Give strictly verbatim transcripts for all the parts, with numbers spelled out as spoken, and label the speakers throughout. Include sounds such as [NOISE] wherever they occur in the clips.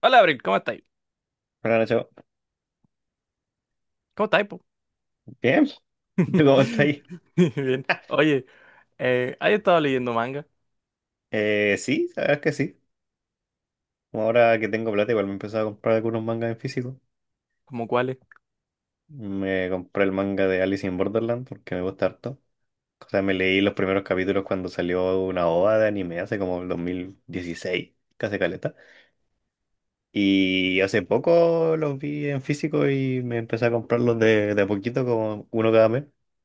Speaker 1: Hola, Abril, ¿cómo estáis?
Speaker 2: Buenas noches.
Speaker 1: ¿Cómo estáis, po?
Speaker 2: Bien, [LAUGHS] ¿Y ¿tú cómo estás
Speaker 1: [LAUGHS]
Speaker 2: ahí?
Speaker 1: Bien.
Speaker 2: [LAUGHS]
Speaker 1: Oye, eh, ¿has estado leyendo manga?
Speaker 2: Eh, sí, sabes que sí. Como Ahora que tengo plata, igual me he empezado a comprar algunos mangas en físico.
Speaker 1: ¿Cómo cuáles?
Speaker 2: Me compré el manga de Alice in Borderland porque me gusta harto. O sea, me leí los primeros capítulos cuando salió una OVA de anime hace como el dos mil dieciséis, casi caleta. Y hace poco los vi en físico y me empecé a comprarlos de, de a poquito, como uno cada mes.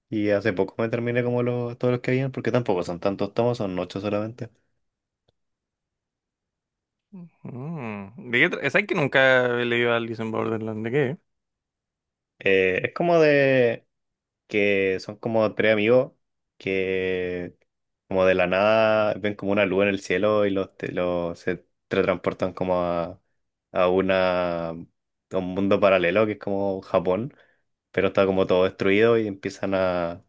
Speaker 2: Y hace poco me terminé como los, todos los que habían, porque tampoco son tantos tomos, son ocho solamente.
Speaker 1: Mm, ¿De qué tra- ¿Sabes que nunca he leído Alice in Borderland? ¿De qué?
Speaker 2: Eh, es como de que son como tres amigos que como de la nada ven como una luz en el cielo y los, te- los se teletransportan como a, a una a un mundo paralelo que es como Japón, pero está como todo destruido y empiezan a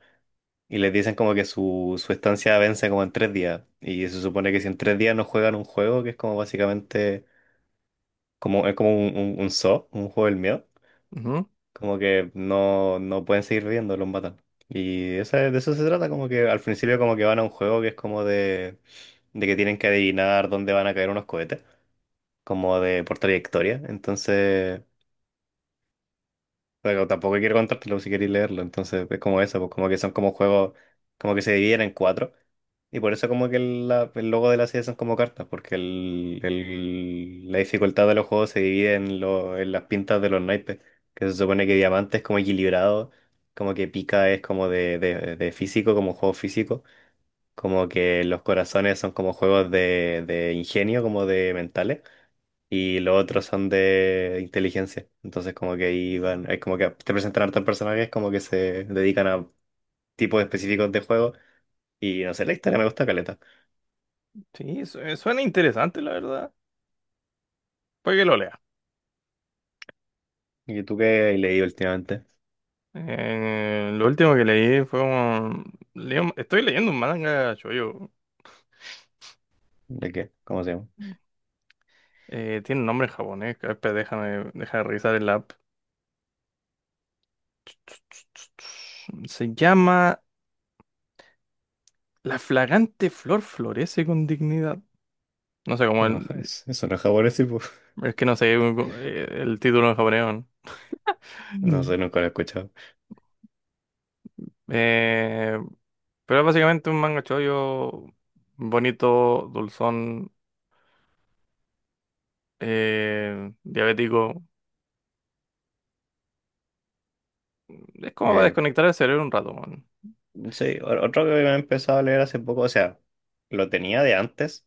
Speaker 2: y les dicen como que su, su estancia vence como en tres días, y se supone que si en tres días no juegan un juego que es como básicamente como es como un, un, un zoo, un juego del miedo,
Speaker 1: Ujú.
Speaker 2: como que no, no pueden seguir viviendo, los matan. Y esa- de eso se trata, como que al principio como que van a un juego que es como de, de que tienen que adivinar dónde van a caer unos cohetes, como de por trayectoria. Entonces, pero tampoco quiero contártelo si queréis leerlo. Entonces es como eso, pues como que son como juegos, como que se dividen en cuatro. Y por eso como que el, la- el logo de la serie son como cartas, porque el, el- la dificultad de los juegos se divide en, lo- en las pintas de los naipes, que se supone que diamante es como equilibrado, como que pica es como de, de- de físico, como juego físico, como que los corazones son como juegos de, de ingenio, como de mentales, y los otros son de inteligencia. Entonces como que ahí van, es como que te presentan hartos personajes como que se dedican a tipos específicos de juego, y no sé, la historia me gusta caleta.
Speaker 1: Sí, su- eh, suena interesante, la verdad. Puede que lo lea.
Speaker 2: ¿Y tú qué has leído últimamente?
Speaker 1: Eh, lo último que leí fue un... leí un- estoy leyendo un manga shoujo.
Speaker 2: ¿De qué? ¿Cómo se llama?
Speaker 1: Eh, tiene un nombre en japonés. Que- espera, déjame, déjame revisar el app. Se llama La flagante flor florece con dignidad. No sé cómo
Speaker 2: No, ja-
Speaker 1: el.
Speaker 2: es- Eso no es japonés, tipo. [LAUGHS]
Speaker 1: Es que no sé eh, el título en japonés, ¿no?
Speaker 2: No sé, nunca lo he escuchado.
Speaker 1: Eh, pero es básicamente un manga chollo bonito, dulzón, eh, diabético. Es como para
Speaker 2: Eh,
Speaker 1: desconectar el cerebro un rato, man.
Speaker 2: sí, o- otro que me he empezado a leer hace poco, o sea, lo tenía de antes,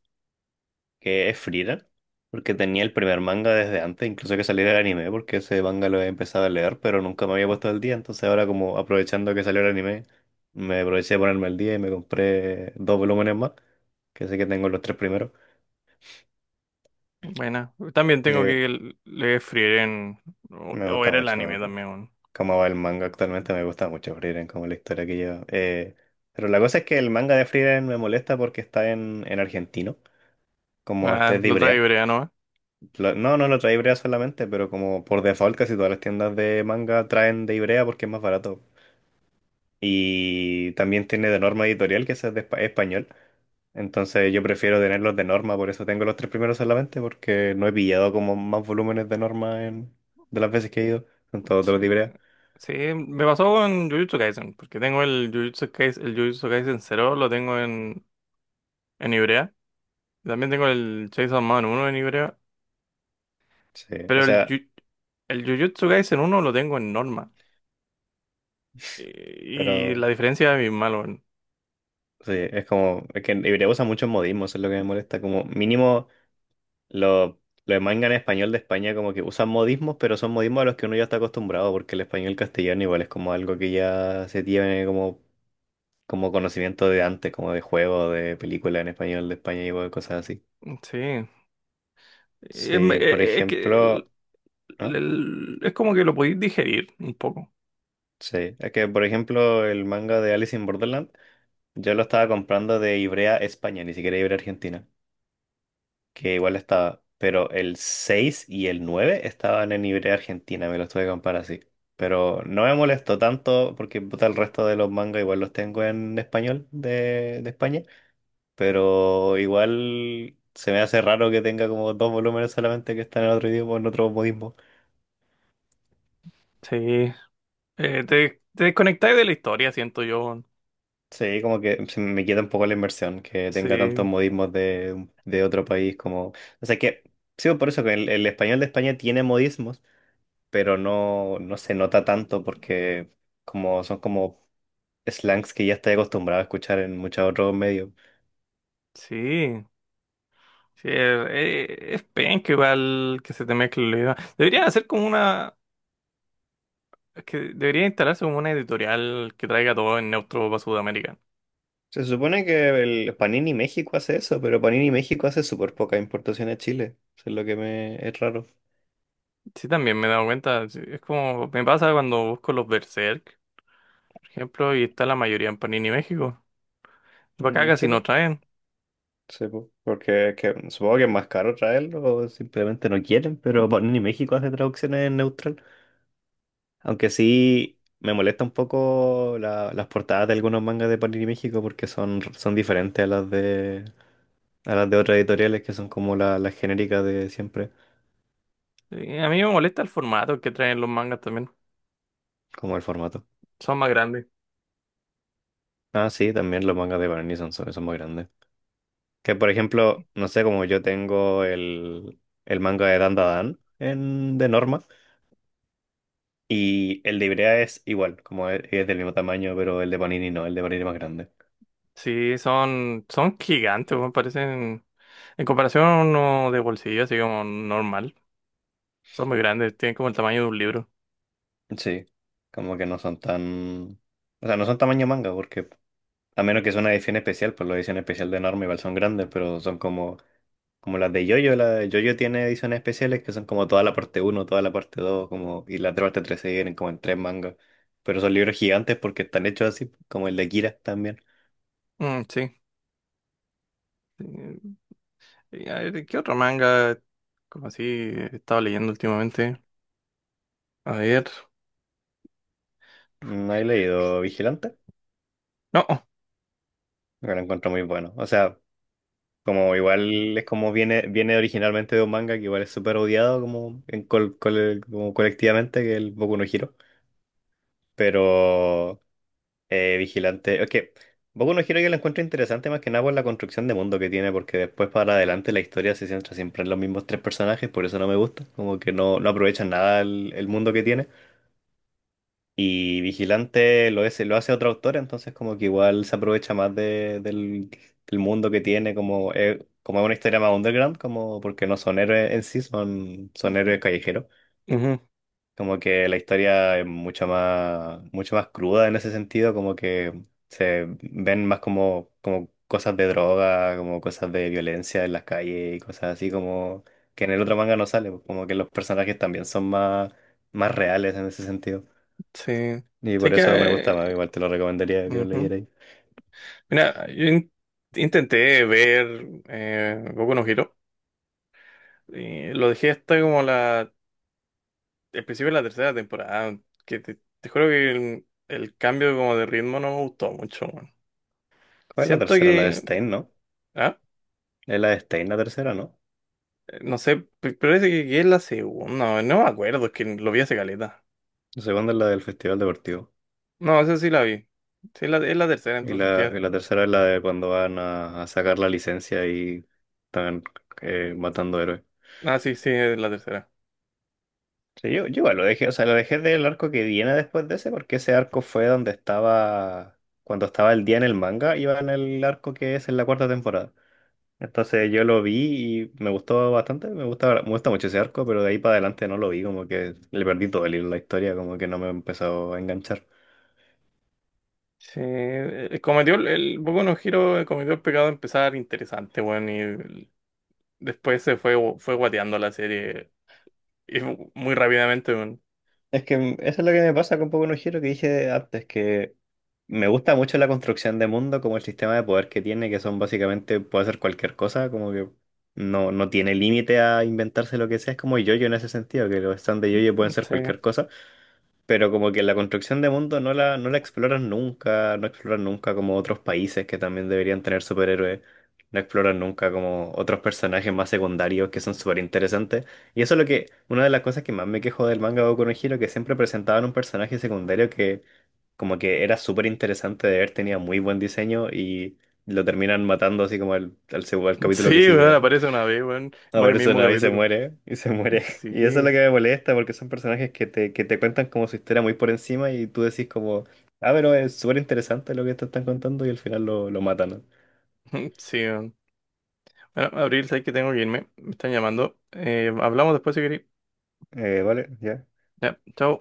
Speaker 2: que es Frierer, porque tenía el primer manga desde antes, incluso que saliera el anime, porque ese manga lo he empezado a leer, pero nunca me había puesto al día, entonces ahora como aprovechando que salió el anime, me aproveché de ponerme al día y me compré dos volúmenes más, que sé que tengo los tres primeros.
Speaker 1: Buena. También tengo
Speaker 2: Eh,
Speaker 1: que l- leer Frieren. O,
Speaker 2: me
Speaker 1: o
Speaker 2: gusta
Speaker 1: era el anime
Speaker 2: mucho co-
Speaker 1: también, man.
Speaker 2: cómo va el manga actualmente, me gusta mucho Frieren, como la historia que lleva. Eh, pero la cosa es que el manga de Frieren me molesta porque está en, en argentino, como este
Speaker 1: Ah,
Speaker 2: es de
Speaker 1: lo trae
Speaker 2: Ivrea.
Speaker 1: Ibrea, ¿no?
Speaker 2: Lo- no, no lo trae Ibrea solamente, pero como por default casi todas las tiendas de manga traen de Ibrea porque es más barato. Y también tiene de norma editorial que ese es de espa- español. Entonces yo prefiero tenerlos de norma, por eso tengo los tres primeros solamente, porque no he pillado como más volúmenes de norma en, de las veces que he ido. Son todos de
Speaker 1: Sí.
Speaker 2: los de Ibrea.
Speaker 1: Sí, me pasó con Jujutsu Kaisen, porque tengo el Jujutsu Kaisen, el Jujutsu Kaisen cero, lo tengo en, en Ibrea. También tengo el Chainsaw Man uno en Ibrea.
Speaker 2: Sí, o
Speaker 1: Pero el,
Speaker 2: sea,
Speaker 1: Ju- el Jujutsu Kaisen uno lo tengo en norma. Y, y la
Speaker 2: pero
Speaker 1: diferencia es bien malo, weón.
Speaker 2: sí, es como, es que Ibrea usa muchos modismos, eso es lo que me molesta. Como mínimo, Los los mangas en español de España como que usan modismos, pero son modismos a los que uno ya está acostumbrado, porque el español castellano igual es como algo que ya se tiene como, como conocimiento de antes, como de juego, de película en español de España y cosas así.
Speaker 1: Sí. Es, me-
Speaker 2: Sí, por
Speaker 1: e, e, es que el-
Speaker 2: ejemplo, ¿no?
Speaker 1: el- Es como que lo podéis digerir un poco.
Speaker 2: Sí, es que por ejemplo el manga de Alice in Borderland, yo lo estaba comprando de Ivrea España, ni siquiera Ivrea Argentina, que igual estaba, pero el seis y el nueve estaban en Ibrea Argentina, me los tuve que comprar así. Pero no me molestó tanto porque puta, el resto de los mangas igual los tengo en español de, de España, pero igual se me hace raro que tenga como dos volúmenes solamente que están en otro idioma, en otro modismo.
Speaker 1: Sí. Eh, te, te desconectáis de la historia, siento yo, weón.
Speaker 2: Sí, como que se me quita un poco la inversión, que tenga tantos
Speaker 1: Sí.
Speaker 2: modismos de, de otro país como... O sea que, sí, por eso que el, el español de España tiene modismos, pero no, no se nota tanto porque como son como slangs que ya estoy acostumbrado a escuchar en muchos otros medios.
Speaker 1: Sí. Sí, es, e, es penca igual que se te mezcle la idea. Deberían hacer como una... Es que debería instalarse como una editorial que traiga todo en neutro para Sudamérica.
Speaker 2: Se supone que el Panini México hace eso, pero Panini México hace súper poca importación a Chile. Eso es lo que me es raro.
Speaker 1: Sí, también me he dado cuenta. Sí, es como me pasa cuando busco los Berserk, por ejemplo, y está la mayoría en Panini México. Y para acá
Speaker 2: Mm, sí,
Speaker 1: casi
Speaker 2: po,
Speaker 1: no traen.
Speaker 2: sí, po, porque es que supongo que es más caro traerlo o simplemente no quieren, pero Panini México hace traducciones en neutral. Aunque sí me molesta un poco la- las portadas de algunos mangas de Panini México porque son, son diferentes a las de, a las de otras editoriales, que son como la- las genéricas de siempre,
Speaker 1: Y a mí me molesta el formato que traen los mangas también.
Speaker 2: como el formato.
Speaker 1: Son más grandes.
Speaker 2: Ah, sí, también los mangas de Barney son, son son muy grandes. Que por ejemplo, no sé, como yo tengo el, el manga de Dandadan en, de Norma, y el de Ibrea es igual, como es, es del mismo tamaño, pero el de Panini no, el de Panini es más grande.
Speaker 1: Sí, son, son gigantes, me parecen. En comparación a uno de bolsillo, así como normal. Son muy grandes, tienen como el tamaño de un libro.
Speaker 2: Sí, como que no son tan... O sea, no son tamaño manga porque a menos que sea una edición especial, pues la edición especial de Norma igual son grandes, pero son como, como las de Yoyo, la de Yoyo tiene ediciones especiales que son como toda la parte uno toda la parte dos como, y la otra parte tres se vienen como en tres mangas. Pero son libros gigantes porque están hechos así, como el de Kira también.
Speaker 1: Mm, sí. Eh, y a ver, ¿qué otro manga como así he estado leyendo últimamente? A ver.
Speaker 2: No he leído Vigilante,
Speaker 1: No.
Speaker 2: pero lo encuentro muy bueno. O sea, como igual es como viene, viene originalmente de un manga que igual es súper odiado como, en col- col- como colectivamente, que es el Boku no Hero. Pero Eh, vigilante. Es que Boku no Hero yo la encuentro interesante más que nada por la construcción de mundo que tiene, porque después para adelante la historia se centra siempre en los mismos tres personajes, por eso no me gusta, como que no, no aprovechan nada el, el mundo que tiene. Y Vigilante lo es, lo hace otro autor, entonces como que igual se aprovecha más de- del, del mundo que tiene, como, eh, como es una historia más underground, como porque no son héroes en sí, son, son héroes callejeros.
Speaker 1: Ujú.
Speaker 2: Como que la historia es mucho más, mucho más cruda en ese sentido, como que se ven más como, como cosas de droga, como cosas de violencia en las calles y cosas así, como que en el otro manga no sale, pues, como que los personajes también son más, más reales en ese sentido.
Speaker 1: Sí.
Speaker 2: Y
Speaker 1: Sí
Speaker 2: por
Speaker 1: que.
Speaker 2: eso me gusta más,
Speaker 1: eh,
Speaker 2: igual te lo recomendaría que lo leyerais.
Speaker 1: Mira, yo in- intenté ver eh, Boku no Hero. Y lo dejé hasta como la, el principio de la tercera temporada. Que te, te juro que el, el cambio como de ritmo no me gustó mucho, weón.
Speaker 2: ¿Cuál es la
Speaker 1: Siento
Speaker 2: tercera? La de
Speaker 1: que...
Speaker 2: Stein, ¿no?
Speaker 1: Ah,
Speaker 2: Es la de Stein la tercera, ¿no?
Speaker 1: no sé, p- parece que que es la segunda. No me acuerdo, es que lo vi hace caleta.
Speaker 2: La segunda es la del Festival Deportivo.
Speaker 1: No, esa sí la vi. Sí, la, es la tercera,
Speaker 2: Y
Speaker 1: entonces
Speaker 2: la,
Speaker 1: ¿qué?
Speaker 2: y la tercera es la de cuando van a, a sacar la licencia y están eh, matando héroes.
Speaker 1: Ah, sí, sí, es la tercera.
Speaker 2: Sí, yo, yo igual lo dejé, o sea, lo dejé del arco que viene después de ese, porque ese arco fue donde estaba, cuando estaba el día en el manga, iba en el arco que es en la cuarta temporada. Entonces yo lo vi y me gustó bastante, me gusta, me gusta mucho ese arco, pero de ahí para adelante no lo vi, como que le perdí todo el hilo a la historia, como que no me empezó a enganchar.
Speaker 1: Sí, eh, cometió el, el Boku no Hero cometió el pecado de empezar interesante, weón. Después se fue, fue guateando la serie. Y mu- muy rápidamente, weón.
Speaker 2: Es que mm, eso es lo que me pasa con Boku no Hero que dije antes, que me gusta mucho la construcción de mundo, como el sistema de poder que tiene, que son básicamente, puede hacer cualquier cosa, como que no, no tiene límite a inventarse lo que sea, es como yo en ese sentido, que los stands de yo pueden ser
Speaker 1: Sí.
Speaker 2: cualquier cosa. Pero como que la construcción de mundo no la, no la exploran nunca, no exploran nunca como otros países que también deberían tener superhéroes, no exploran nunca como otros personajes más secundarios que son súper interesantes. Y eso es lo que, una de las cosas que más me quejo del manga Boku no Hero, que siempre presentaban un personaje secundario que como que era súper interesante de ver, tenía muy buen diseño y lo terminan matando así como al, al, seg- al
Speaker 1: [LAUGHS]
Speaker 2: capítulo que
Speaker 1: Sí, weón,
Speaker 2: sigue.
Speaker 1: aparece una vez, weón.
Speaker 2: No,
Speaker 1: Muere
Speaker 2: por
Speaker 1: el
Speaker 2: eso
Speaker 1: mismo
Speaker 2: no, y se
Speaker 1: capítulo.
Speaker 2: muere, y se muere. [LAUGHS] Y eso es lo
Speaker 1: Sí.
Speaker 2: que me molesta, porque son personajes que te, que te cuentan como su historia muy por encima y tú decís como, ah, pero es súper interesante lo que te están contando y al final lo, lo matan, ¿no?
Speaker 1: [LAUGHS] Sí, weón. Bueno, Abril, sabes que tengo que irme. Me están llamando. Eh, hablamos después si queréis.
Speaker 2: Eh, vale,
Speaker 1: Ya, chao.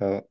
Speaker 2: ya.